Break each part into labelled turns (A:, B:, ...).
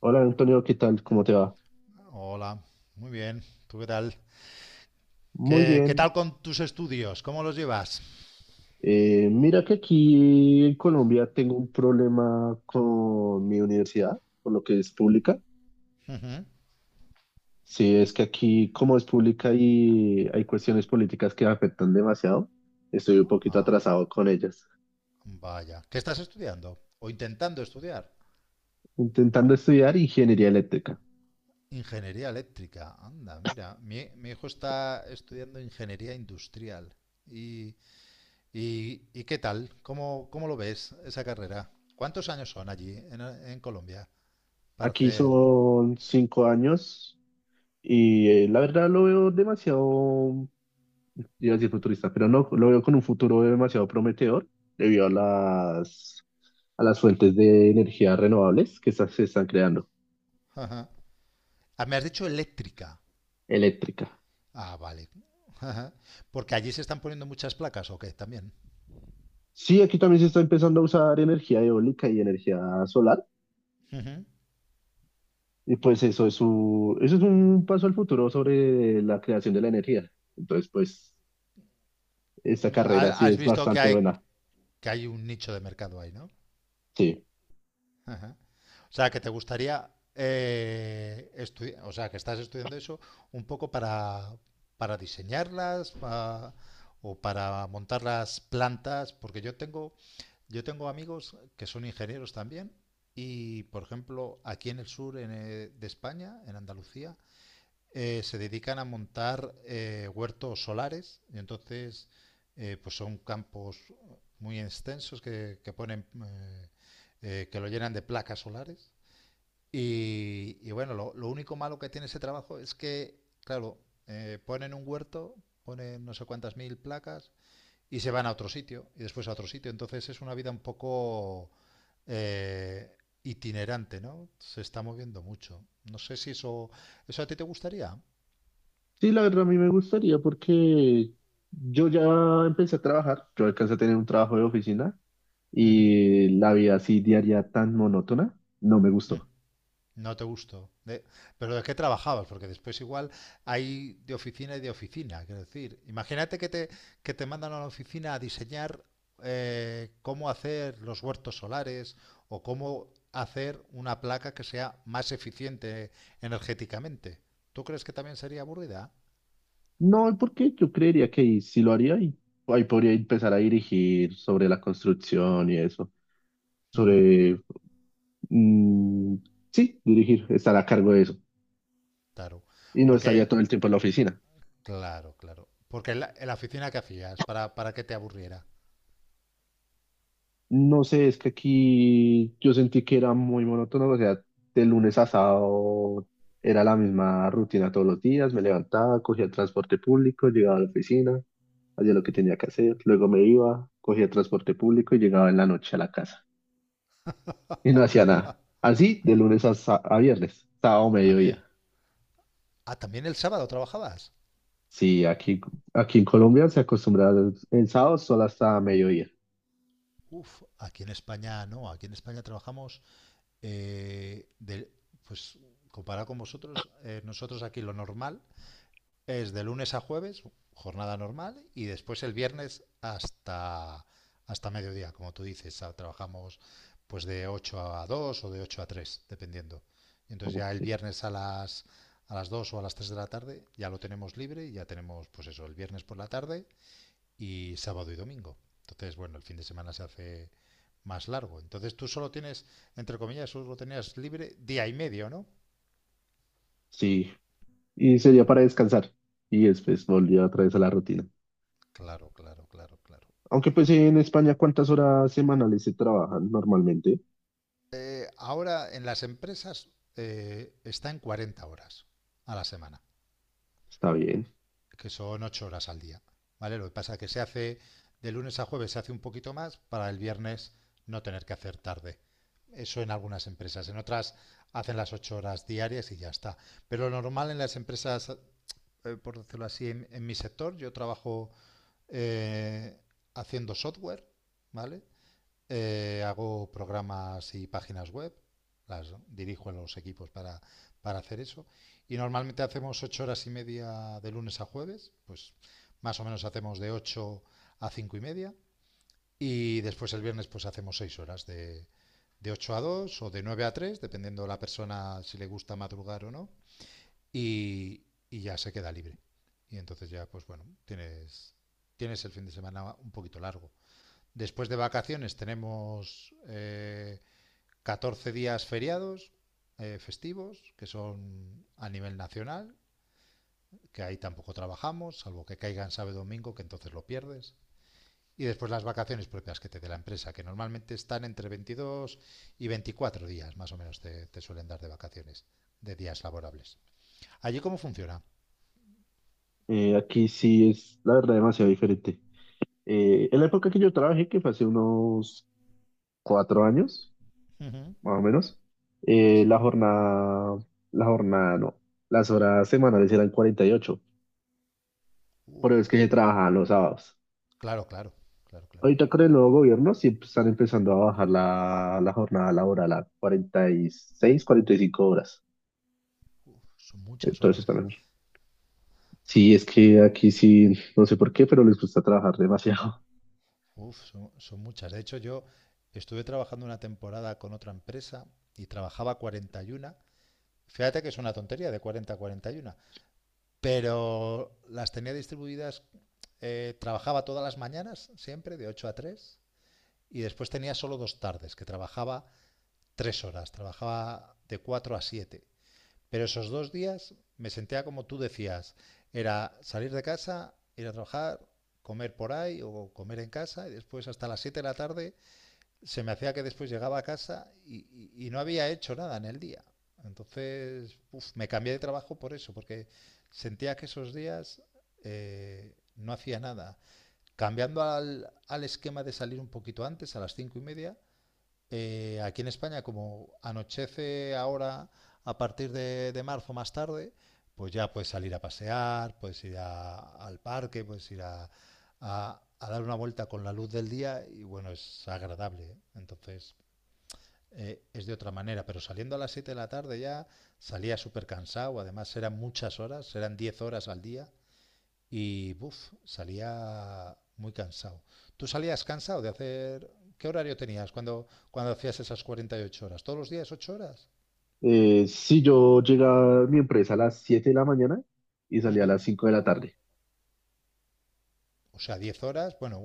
A: Hola Antonio, ¿qué tal? ¿Cómo te va?
B: Hola, muy bien. ¿Tú qué tal? ¿Qué,
A: Muy
B: qué
A: bien.
B: tal con tus estudios? ¿Cómo los llevas?
A: Mira que aquí en Colombia tengo un problema con mi universidad, por lo que es pública.
B: Ujú.
A: Sí, es que aquí como es pública y hay cuestiones políticas que afectan demasiado, estoy un poquito
B: Ah,
A: atrasado con ellas.
B: vaya. ¿Qué estás estudiando? ¿O intentando estudiar?
A: Intentando estudiar ingeniería eléctrica.
B: Ingeniería eléctrica. Anda, mira. Mi hijo está estudiando ingeniería industrial. ¿Y, y qué tal? ¿Cómo lo ves esa carrera? ¿Cuántos años son allí en Colombia para
A: Aquí
B: hacer...
A: son 5 años y la verdad lo veo demasiado, iba a decir futurista, pero no, lo veo con un futuro demasiado prometedor debido a a las fuentes de energía renovables que se están creando,
B: Ajá. Ah, me has dicho eléctrica.
A: eléctrica.
B: Ah, vale. Ajá. Porque allí se están poniendo muchas placas, ¿o qué? También.
A: Sí, aquí también se está empezando a usar energía eólica y energía solar,
B: Ujú.
A: y pues eso es un paso al futuro sobre la creación de la energía. Entonces, pues, esta carrera
B: Ha-
A: sí
B: Has
A: es
B: visto
A: bastante buena.
B: que hay un nicho de mercado ahí, ¿no?
A: Sí.
B: Ajá. O sea, que te gustaría, o sea, que estás estudiando eso un poco para o para montar las plantas, porque yo tengo amigos que son ingenieros también y, por ejemplo, aquí en el sur, de España, en Andalucía, se dedican a montar, huertos solares y entonces, pues son campos muy extensos que ponen, que lo llenan de placas solares y bueno, lo único malo que tiene ese trabajo es que, claro, ponen un huerto, ponen no sé cuántas mil placas y se van a otro sitio y después a otro sitio. Entonces es una vida un poco, eh, itinerante, no, se está moviendo mucho. No sé si eso, eso a ti te gustaría.
A: Sí, la verdad a mí me gustaría porque yo ya empecé a trabajar, yo alcancé a tener un trabajo de oficina
B: Ujú,
A: y la vida así diaria tan monótona, no me
B: mm.
A: gustó.
B: No te gustó. Pero ¿de qué trabajabas? Porque después, igual, hay de oficina y de oficina. Quiero decir, imagínate que te mandan a la oficina a diseñar, cómo hacer los huertos solares o cómo hacer una placa que sea más eficiente energéticamente. ¿Tú crees que también sería aburrida?
A: No, porque yo creería que ahí sí lo haría y ahí podría empezar a dirigir sobre la construcción y eso,
B: Ujú,
A: sobre, mm, sí, dirigir, estar a cargo de eso
B: Claro.
A: y no estaría
B: Porque,
A: todo el tiempo en la oficina.
B: claro, claro. Porque en la oficina que hacías, para que te aburriera.
A: No sé, es que aquí yo sentí que era muy monótono, o sea, de lunes a sábado era la misma rutina todos los días, me levantaba, cogía el transporte público, llegaba a la oficina, hacía lo que tenía que hacer, luego me iba, cogía transporte público y llegaba en la noche a la casa. Y no hacía nada. Así, de lunes a viernes, sábado,
B: Había.
A: mediodía.
B: Ah, también el sábado trabajabas.
A: Sí, aquí en Colombia se acostumbra el sábado solo hasta mediodía.
B: Uf, aquí en España no, aquí en España trabajamos, eh, de, pues, comparado con vosotros, nosotros aquí lo normal es de lunes a jueves, jornada normal, y después el viernes hasta mediodía, como tú dices. Ah, trabajamos pues de 8 a 2 o de 8 a tres, dependiendo. Y entonces ya el
A: Ok.
B: viernes a las dos o a las tres de la tarde ya lo tenemos libre, y ya tenemos pues eso, el viernes por la tarde y sábado y domingo. Entonces, bueno, el fin de semana se hace más largo. Entonces tú solo tienes, entre comillas, solo tenías libre día y medio, ¿no?
A: Sí, y sería para descansar. Y después volvía otra vez a la rutina.
B: Claro, claro, claro, claro.
A: Aunque pues en España, ¿cuántas horas semanales se trabajan normalmente?
B: Ahora en las empresas, está en 40 horas a la semana,
A: Está bien.
B: que son 8 horas al día, ¿vale? Lo que pasa es que se hace de lunes a jueves, se hace un poquito más para el viernes no tener que hacer tarde. Eso en algunas empresas; en otras hacen las 8 horas diarias y ya está. Pero lo normal en las empresas, por decirlo así, en mi sector, yo trabajo, eh, haciendo software, ¿vale? Hago programas y páginas web, las dirijo a los equipos para hacer eso. Y normalmente hacemos 8 horas y media de lunes a jueves, pues más o menos hacemos de 8 a cinco y media. Y después el viernes pues hacemos 6 horas, de 8 a 2 o de 9 a 3, dependiendo de la persona si le gusta madrugar o no, y, y ya se queda libre. Y entonces ya, pues bueno, tienes, tienes el fin de semana un poquito largo. Después de vacaciones tenemos, 14 días feriados, festivos, que son a nivel nacional, que ahí tampoco trabajamos, salvo que caigan sábado y domingo, que entonces lo pierdes. Y después las vacaciones propias que te dé la empresa, que normalmente están entre 22 y 24 días, más o menos, te suelen dar de vacaciones, de días laborables. ¿Allí cómo funciona?
A: Aquí sí es, la verdad, demasiado diferente. En la época que yo trabajé, que fue hace unos 4 años,
B: Ujú.
A: más o menos. Eh, la jornada, la jornada no, las horas semanales eran 48, pero es
B: Uf,
A: que se trabajaban los sábados.
B: claro, claro, claro, claro.
A: Ahorita con el nuevo gobierno sí están empezando a bajar la jornada laboral a 40, 46, 45 horas.
B: Son muchas
A: Entonces
B: horas,
A: está
B: ¿eh?
A: mejor. Sí, es que aquí sí, no sé por qué, pero les gusta trabajar demasiado.
B: Uf, son muchas. De hecho, yo estuve trabajando una temporada con otra empresa y trabajaba 41. Fíjate que es una tontería, de 40 a 41, pero las tenía distribuidas. Trabajaba todas las mañanas, siempre, de 8 a tres, y después tenía solo dos tardes, que trabajaba tres horas, trabajaba de 4 a 7. Pero esos dos días me sentía como tú decías, era salir de casa, ir a trabajar, comer por ahí o comer en casa, y después hasta las 7 de la tarde se me hacía que después llegaba a casa y no había hecho nada en el día. Entonces, uf, me cambié de trabajo por eso, porque sentía que esos días, no hacía nada. Cambiando al, al esquema de salir un poquito antes, a las cinco y media, aquí en España, como anochece ahora a partir de marzo más tarde, pues ya puedes salir a pasear, puedes ir al parque, puedes ir a dar una vuelta con la luz del día, y bueno, es agradable, ¿eh? Entonces, es de otra manera, pero saliendo a las 7 de la tarde ya salía súper cansado. Además, eran muchas horas, eran 10 horas al día, y buf, salía muy cansado. ¿Tú salías cansado de hacer... ¿Qué horario tenías cuando hacías esas 48 horas? ¿Todos los días 8 horas?
A: Si yo llegaba a mi empresa a las 7 de la mañana y salía a
B: Ujú.
A: las 5 de la tarde.
B: O sea, 10 horas. Bueno,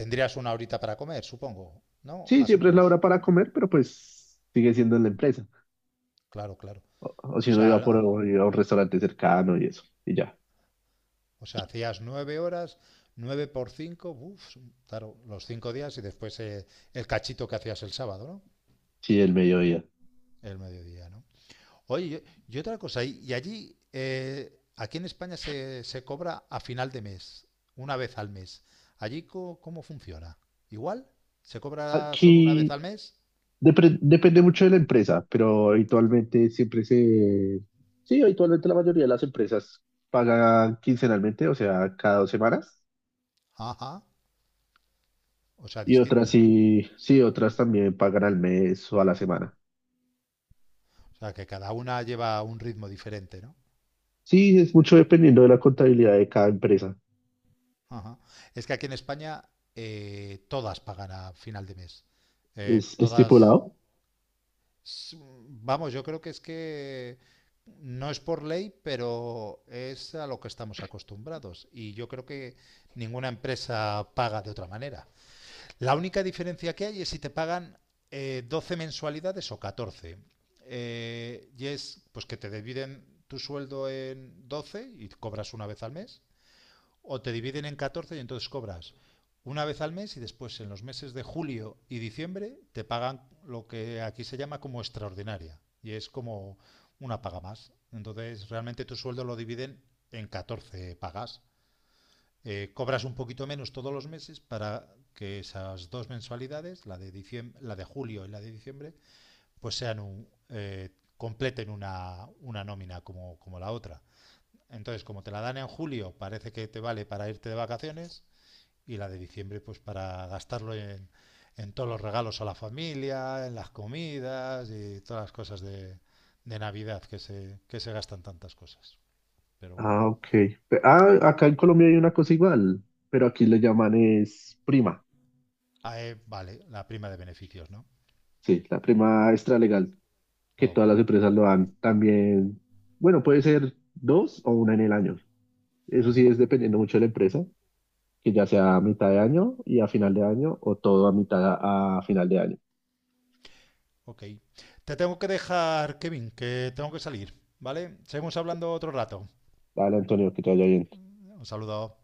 B: tendrías una horita para comer, supongo, ¿no?
A: Sí,
B: Más o
A: siempre es la
B: menos.
A: hora para comer, pero pues sigue siendo en la empresa.
B: Claro, claro.
A: O, o si
B: O
A: uno
B: sea,
A: iba a un restaurante cercano y eso, y ya.
B: o sea, hacías 9 horas, 9 por cinco, buf, claro, los 5 días, y después, el cachito que hacías el sábado, ¿no?
A: Sí, el mediodía.
B: El mediodía, ¿no? Oye, y otra cosa, y allí, aquí en España se cobra a final de mes, una vez al mes. ¿Allí cómo funciona? ¿Igual? ¿Se cobra solo una vez
A: Aquí
B: al mes?
A: depende mucho de la empresa, pero habitualmente siempre se... Sí, habitualmente la mayoría de las empresas pagan quincenalmente, o sea, cada 2 semanas.
B: Ajá, o sea,
A: Y otras
B: distinto.
A: sí, sí, otras también pagan al mes o a la semana.
B: O sea, que cada una lleva un ritmo diferente, ¿no?
A: Sí, es mucho dependiendo de la contabilidad de cada empresa.
B: Ajá. Es que aquí en España, todas pagan a final de mes. Eh,
A: ¿Es
B: todas
A: estipulado?
B: Vamos, yo creo que es que no es por ley, pero es a lo que estamos acostumbrados. Y yo creo que ninguna empresa paga de otra manera. La única diferencia que hay es si te pagan, 12 mensualidades o 14. Y es, pues, que te dividen tu sueldo en 12 y cobras una vez al mes, o te dividen en 14 y entonces cobras una vez al mes y después en los meses de julio y diciembre te pagan lo que aquí se llama como extraordinaria, y es como una paga más. Entonces realmente tu sueldo lo dividen en 14 pagas. Cobras un poquito menos todos los meses para que esas dos mensualidades, diciembre, la de julio y la de diciembre, pues sean un, completen una nómina como, como la otra. Entonces, como te la dan en julio, parece que te vale para irte de vacaciones, y la de diciembre pues para gastarlo en todos los regalos a la familia, en las comidas y todas las cosas de Navidad, que se gastan tantas cosas. Pero bueno.
A: Ah, ok. Ah, acá en Colombia hay una cosa igual, pero aquí le llaman es prima.
B: Ah, vale, la prima de beneficios, ¿no?
A: Sí, la prima extralegal, que todas
B: Ok.
A: las empresas lo dan también. Bueno, puede ser dos o una en el año.
B: Uh
A: Eso sí
B: -huh.
A: es dependiendo mucho de la empresa, que ya sea a mitad de año y a final de año o todo a mitad a final de año.
B: Ok. Te tengo que dejar, Kevin, que tengo que salir, ¿vale? Seguimos hablando otro rato.
A: Dale, Antonio, que te vaya bien.
B: Un saludo.